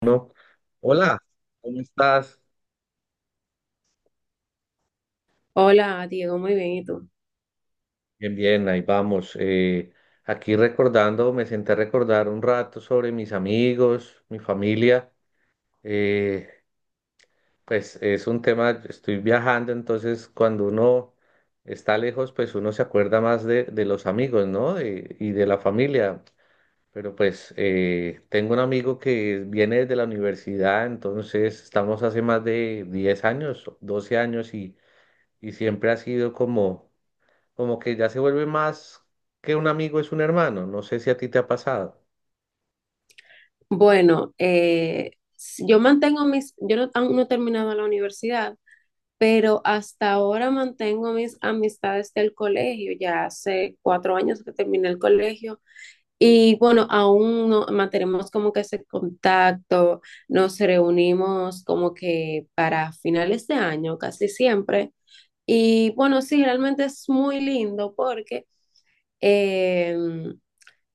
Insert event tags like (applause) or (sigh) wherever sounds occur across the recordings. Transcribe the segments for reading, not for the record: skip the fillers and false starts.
No. Hola, ¿cómo estás? Hola, Diego, muy bien, ¿y tú? Bien, bien, ahí vamos. Aquí recordando, me senté a recordar un rato sobre mis amigos, mi familia. Eh, pues es un tema, estoy viajando, entonces cuando uno está lejos, pues uno se acuerda más de los amigos, ¿no? Y de la familia. Pero pues tengo un amigo que viene desde la universidad, entonces estamos hace más de 10 años, 12 años y siempre ha sido como que ya se vuelve más que un amigo, es un hermano. No sé si a ti te ha pasado. Yo mantengo mis, yo no, Aún no he terminado la universidad, pero hasta ahora mantengo mis amistades del colegio. Ya hace 4 años que terminé el colegio y bueno, aún no, mantenemos como que ese contacto. Nos reunimos como que para finales de año casi siempre y bueno, sí, realmente es muy lindo porque... em,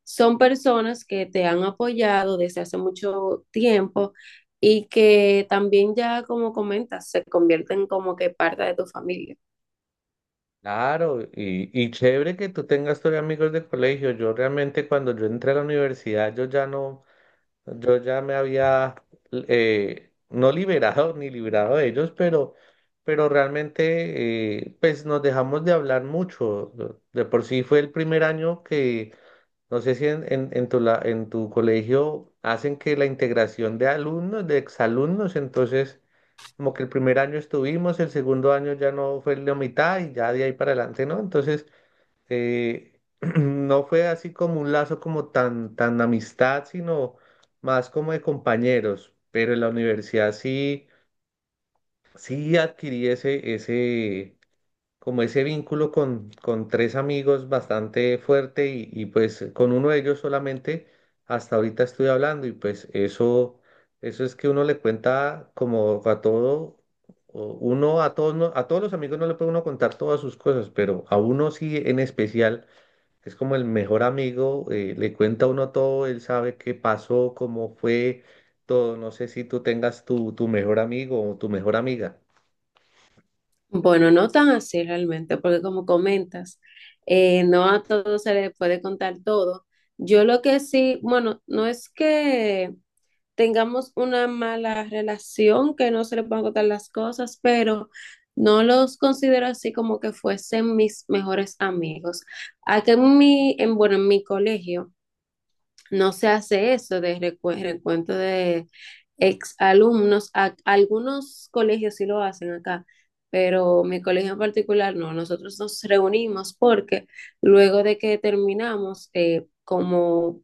son personas que te han apoyado desde hace mucho tiempo y que también ya, como comentas, se convierten como que parte de tu familia. Claro, y chévere que tú tengas todavía amigos de colegio. Yo realmente cuando yo entré a la universidad, yo ya no, yo ya me había no liberado ni librado de ellos, pero realmente pues nos dejamos de hablar mucho. De por sí fue el primer año que, no sé si en tu colegio hacen que la integración de alumnos, de exalumnos, entonces... Como que el primer año estuvimos, el segundo año ya no fue la mitad y ya de ahí para adelante, ¿no? Entonces, eh, (clears throat) no fue así como un lazo como tan, tan amistad, sino más como de compañeros. Pero en la universidad sí, sí adquirí ese, como ese vínculo con tres amigos bastante fuerte y pues con uno de ellos solamente hasta ahorita estoy hablando y pues eso es que uno le cuenta como a todo, o uno a todos, a todos los amigos no le puede uno contar todas sus cosas, pero a uno sí en especial, es como el mejor amigo, le cuenta a uno todo, él sabe qué pasó, cómo fue todo, no sé si tú tengas tu tu mejor amigo o tu mejor amiga. Bueno, no tan así realmente, porque como comentas, no a todos se les puede contar todo. Yo lo que sí, bueno, no es que tengamos una mala relación, que no se le puedan contar las cosas, pero no los considero así como que fuesen mis mejores amigos. Acá en bueno, en mi colegio no se hace eso de recuento de ex alumnos. Algunos colegios sí lo hacen acá, pero mi colegio en particular no. Nosotros nos reunimos porque luego de que terminamos, como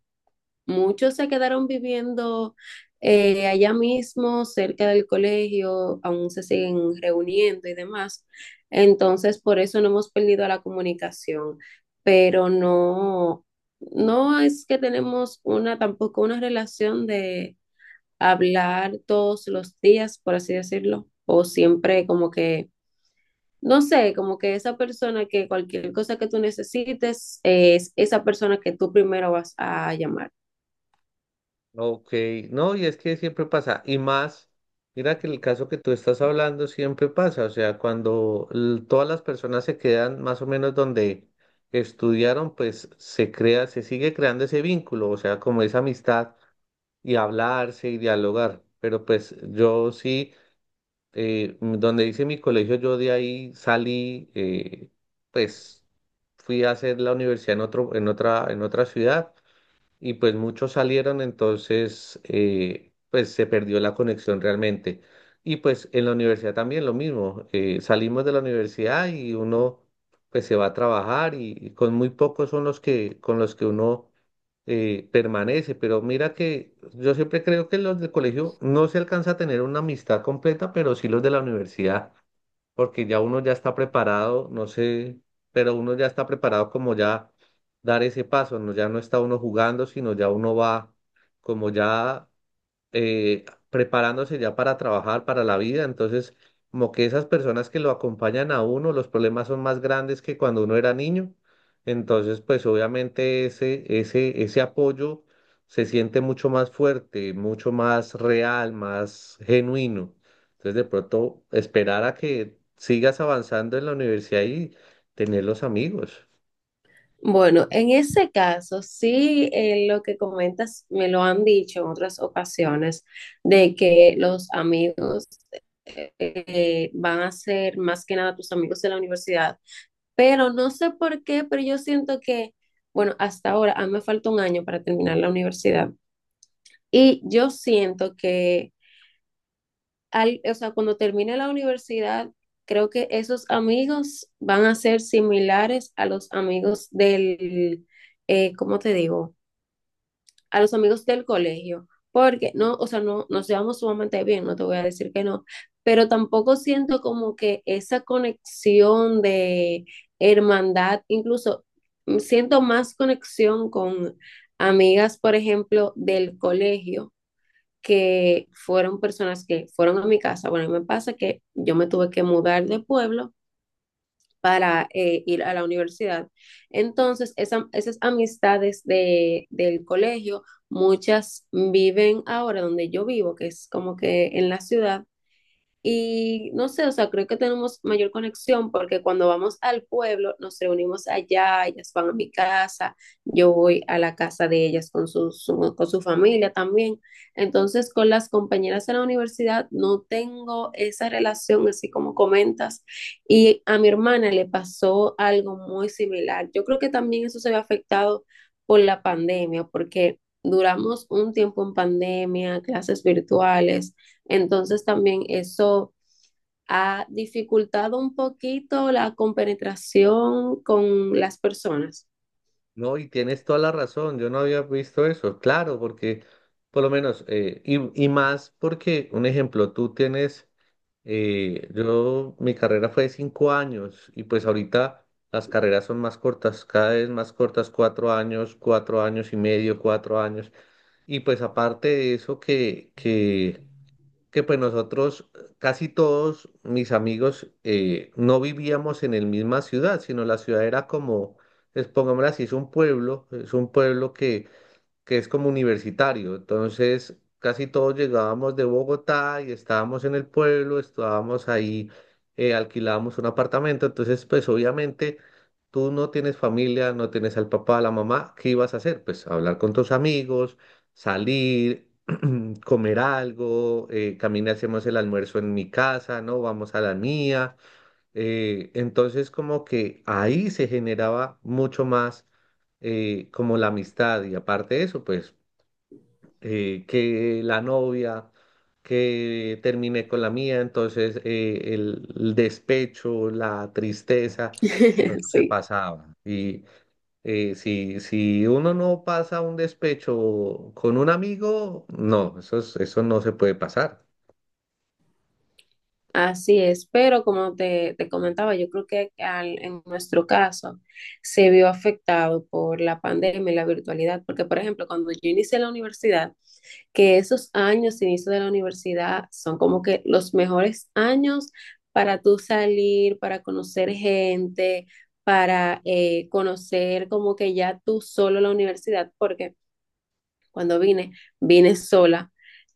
muchos se quedaron viviendo allá mismo, cerca del colegio, aún se siguen reuniendo y demás. Entonces, por eso no hemos perdido la comunicación, pero no, no es que tenemos una, tampoco una relación de hablar todos los días, por así decirlo, o siempre como que, no sé, como que esa persona que cualquier cosa que tú necesites es esa persona que tú primero vas a llamar. Ok, no, y es que siempre pasa, y más, mira que el caso que tú estás hablando siempre pasa, o sea, cuando todas las personas se quedan más o menos donde estudiaron, pues se crea, se sigue creando ese vínculo, o sea, como esa amistad y hablarse y dialogar, pero pues yo sí, donde hice mi colegio, yo de ahí salí, pues fui a hacer la universidad en otra ciudad y pues muchos salieron, entonces pues se perdió la conexión realmente. Y pues en la universidad también lo mismo, salimos de la universidad y uno pues se va a trabajar y con muy pocos son los que con los que uno permanece, pero mira que yo siempre creo que los del colegio no se alcanza a tener una amistad completa, pero sí los de la universidad porque ya uno ya está preparado, no sé, pero uno ya está preparado como ya dar ese paso, no, ya no está uno jugando, sino ya uno va como ya eh, preparándose ya para trabajar, para la vida. Entonces, como que esas personas que lo acompañan a uno, los problemas son más grandes que cuando uno era niño. Entonces, pues obviamente ese, ese apoyo se siente mucho más fuerte, mucho más real, más genuino. Entonces, de pronto, esperar a que sigas avanzando en la universidad y tener los amigos. Bueno, en ese caso, sí, lo que comentas me lo han dicho en otras ocasiones, de que los amigos van a ser más que nada tus amigos de la universidad, pero no sé por qué, pero yo siento que, bueno, hasta ahora, a mí me falta 1 año para terminar la universidad y yo siento que, o sea, cuando termine la universidad, creo que esos amigos van a ser similares a los amigos del. ¿Cómo te digo? A los amigos del colegio, porque no, o sea, no nos llevamos sumamente bien, no te voy a decir que no, pero tampoco siento como que esa conexión de hermandad. Incluso siento más conexión con amigas, por ejemplo, del colegio, que fueron personas que fueron a mi casa. Bueno, a mí me pasa que yo me tuve que mudar de pueblo para ir a la universidad. Entonces, esas amistades del colegio, muchas viven ahora donde yo vivo, que es como que en la ciudad, y no sé, o sea, creo que tenemos mayor conexión porque cuando vamos al pueblo nos reunimos allá, ellas van a mi casa, yo voy a la casa de ellas con con su familia también. Entonces, con las compañeras de la universidad no tengo esa relación así como comentas. Y a mi hermana le pasó algo muy similar. Yo creo que también eso se ve afectado por la pandemia, porque duramos un tiempo en pandemia, clases virtuales, entonces también eso ha dificultado un poquito la compenetración con las personas. No, y tienes toda la razón, yo no había visto eso, claro, porque por lo menos, y más porque, un ejemplo, tú tienes, yo, mi carrera fue de 5 años y pues ahorita las carreras son más cortas, cada vez más cortas, 4 años, 4 años y medio, 4 años, y pues aparte de eso que pues nosotros, casi todos mis amigos, no vivíamos en la misma ciudad, sino la ciudad era como, pues, pongámoslo así, es un pueblo, que, es como universitario. Entonces, casi todos llegábamos de Bogotá y estábamos en el pueblo, estábamos ahí, alquilábamos un apartamento. Entonces, pues obviamente... Tú no tienes familia, no tienes al papá, a la mamá, ¿qué ibas a hacer? Pues hablar con tus amigos, salir, comer algo, camina, hacemos el almuerzo en mi casa, ¿no? Vamos a la mía. Entonces como que ahí se generaba mucho más como la amistad y aparte de eso, pues que la novia, que terminé con la mía, entonces el despecho, la tristeza, bueno, (laughs) eso se Sí, pasaba. Y si uno no pasa un despecho con un amigo, no, eso no se puede pasar. así es. Pero como te comentaba, yo creo que en nuestro caso se vio afectado por la pandemia y la virtualidad, porque por ejemplo, cuando yo inicié la universidad, que esos años, inicio de la universidad, son como que los mejores años para tú salir, para conocer gente, para conocer como que ya tú solo la universidad, porque cuando vine, vine sola.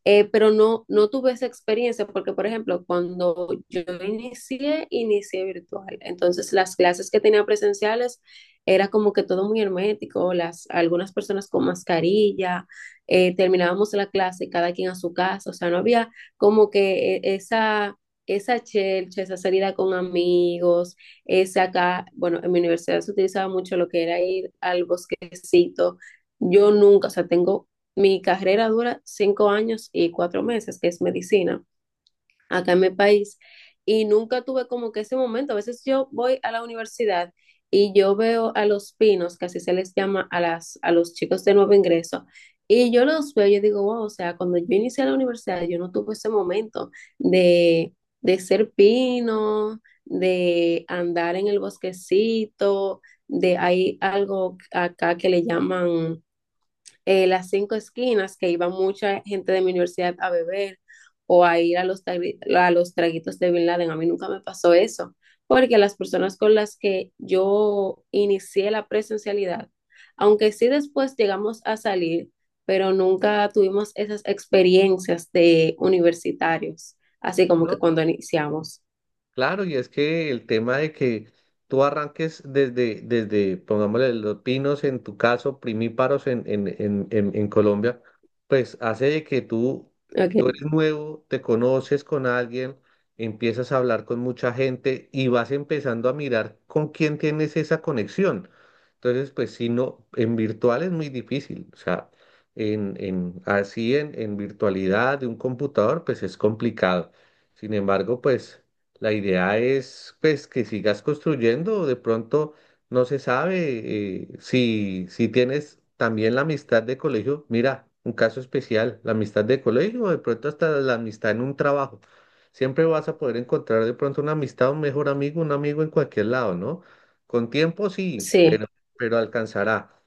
Pero no, no tuve esa experiencia porque, por ejemplo, cuando yo inicié virtual. Entonces, las clases que tenía presenciales era como que todo muy hermético, las, algunas personas con mascarilla, terminábamos la clase cada quien a su casa, o sea, no había como que esa chelcha, esa salida con amigos, esa acá, bueno, en mi universidad se utilizaba mucho lo que era ir al bosquecito. Yo nunca, o sea, tengo mi carrera dura 5 años y 4 meses, que es medicina, acá en mi país, y nunca tuve como que ese momento. A veces yo voy a la universidad y yo veo a los pinos, que así se les llama a a los chicos de nuevo ingreso, y yo los veo y yo digo, wow, o sea, cuando yo inicié la universidad, yo no tuve ese momento de, de ser pino, de andar en el bosquecito, de hay algo acá que le llaman las cinco esquinas, que iba mucha gente de mi universidad a beber o a ir a los, a los traguitos de Bin Laden. A mí nunca me pasó eso, porque las personas con las que yo inicié la presencialidad, aunque sí después llegamos a salir, pero nunca tuvimos esas experiencias de universitarios, así como No, que cuando iniciamos. claro, y es que el tema de que tú arranques desde, pongámosle, los pinos en tu caso, primíparos en Colombia, pues hace de que tú Ok. eres nuevo, te conoces con alguien, empiezas a hablar con mucha gente y vas empezando a mirar con quién tienes esa conexión. Entonces, pues si no, en virtual es muy difícil, o sea, así en virtualidad de un computador, pues es complicado. Sin embargo, pues... La idea es pues que sigas construyendo, de pronto no se sabe si tienes también la amistad de colegio, mira, un caso especial, la amistad de colegio o de pronto hasta la amistad en un trabajo. Siempre vas a poder encontrar de pronto una amistad, un mejor amigo, un amigo en cualquier lado, ¿no? Con tiempo sí, Sí. pero, alcanzará.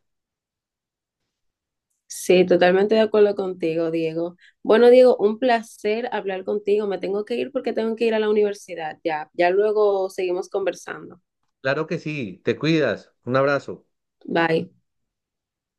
Sí, totalmente de acuerdo contigo, Diego. Bueno, Diego, un placer hablar contigo. Me tengo que ir porque tengo que ir a la universidad. Ya, ya luego seguimos conversando. Claro que sí, te cuidas, un abrazo. Bye.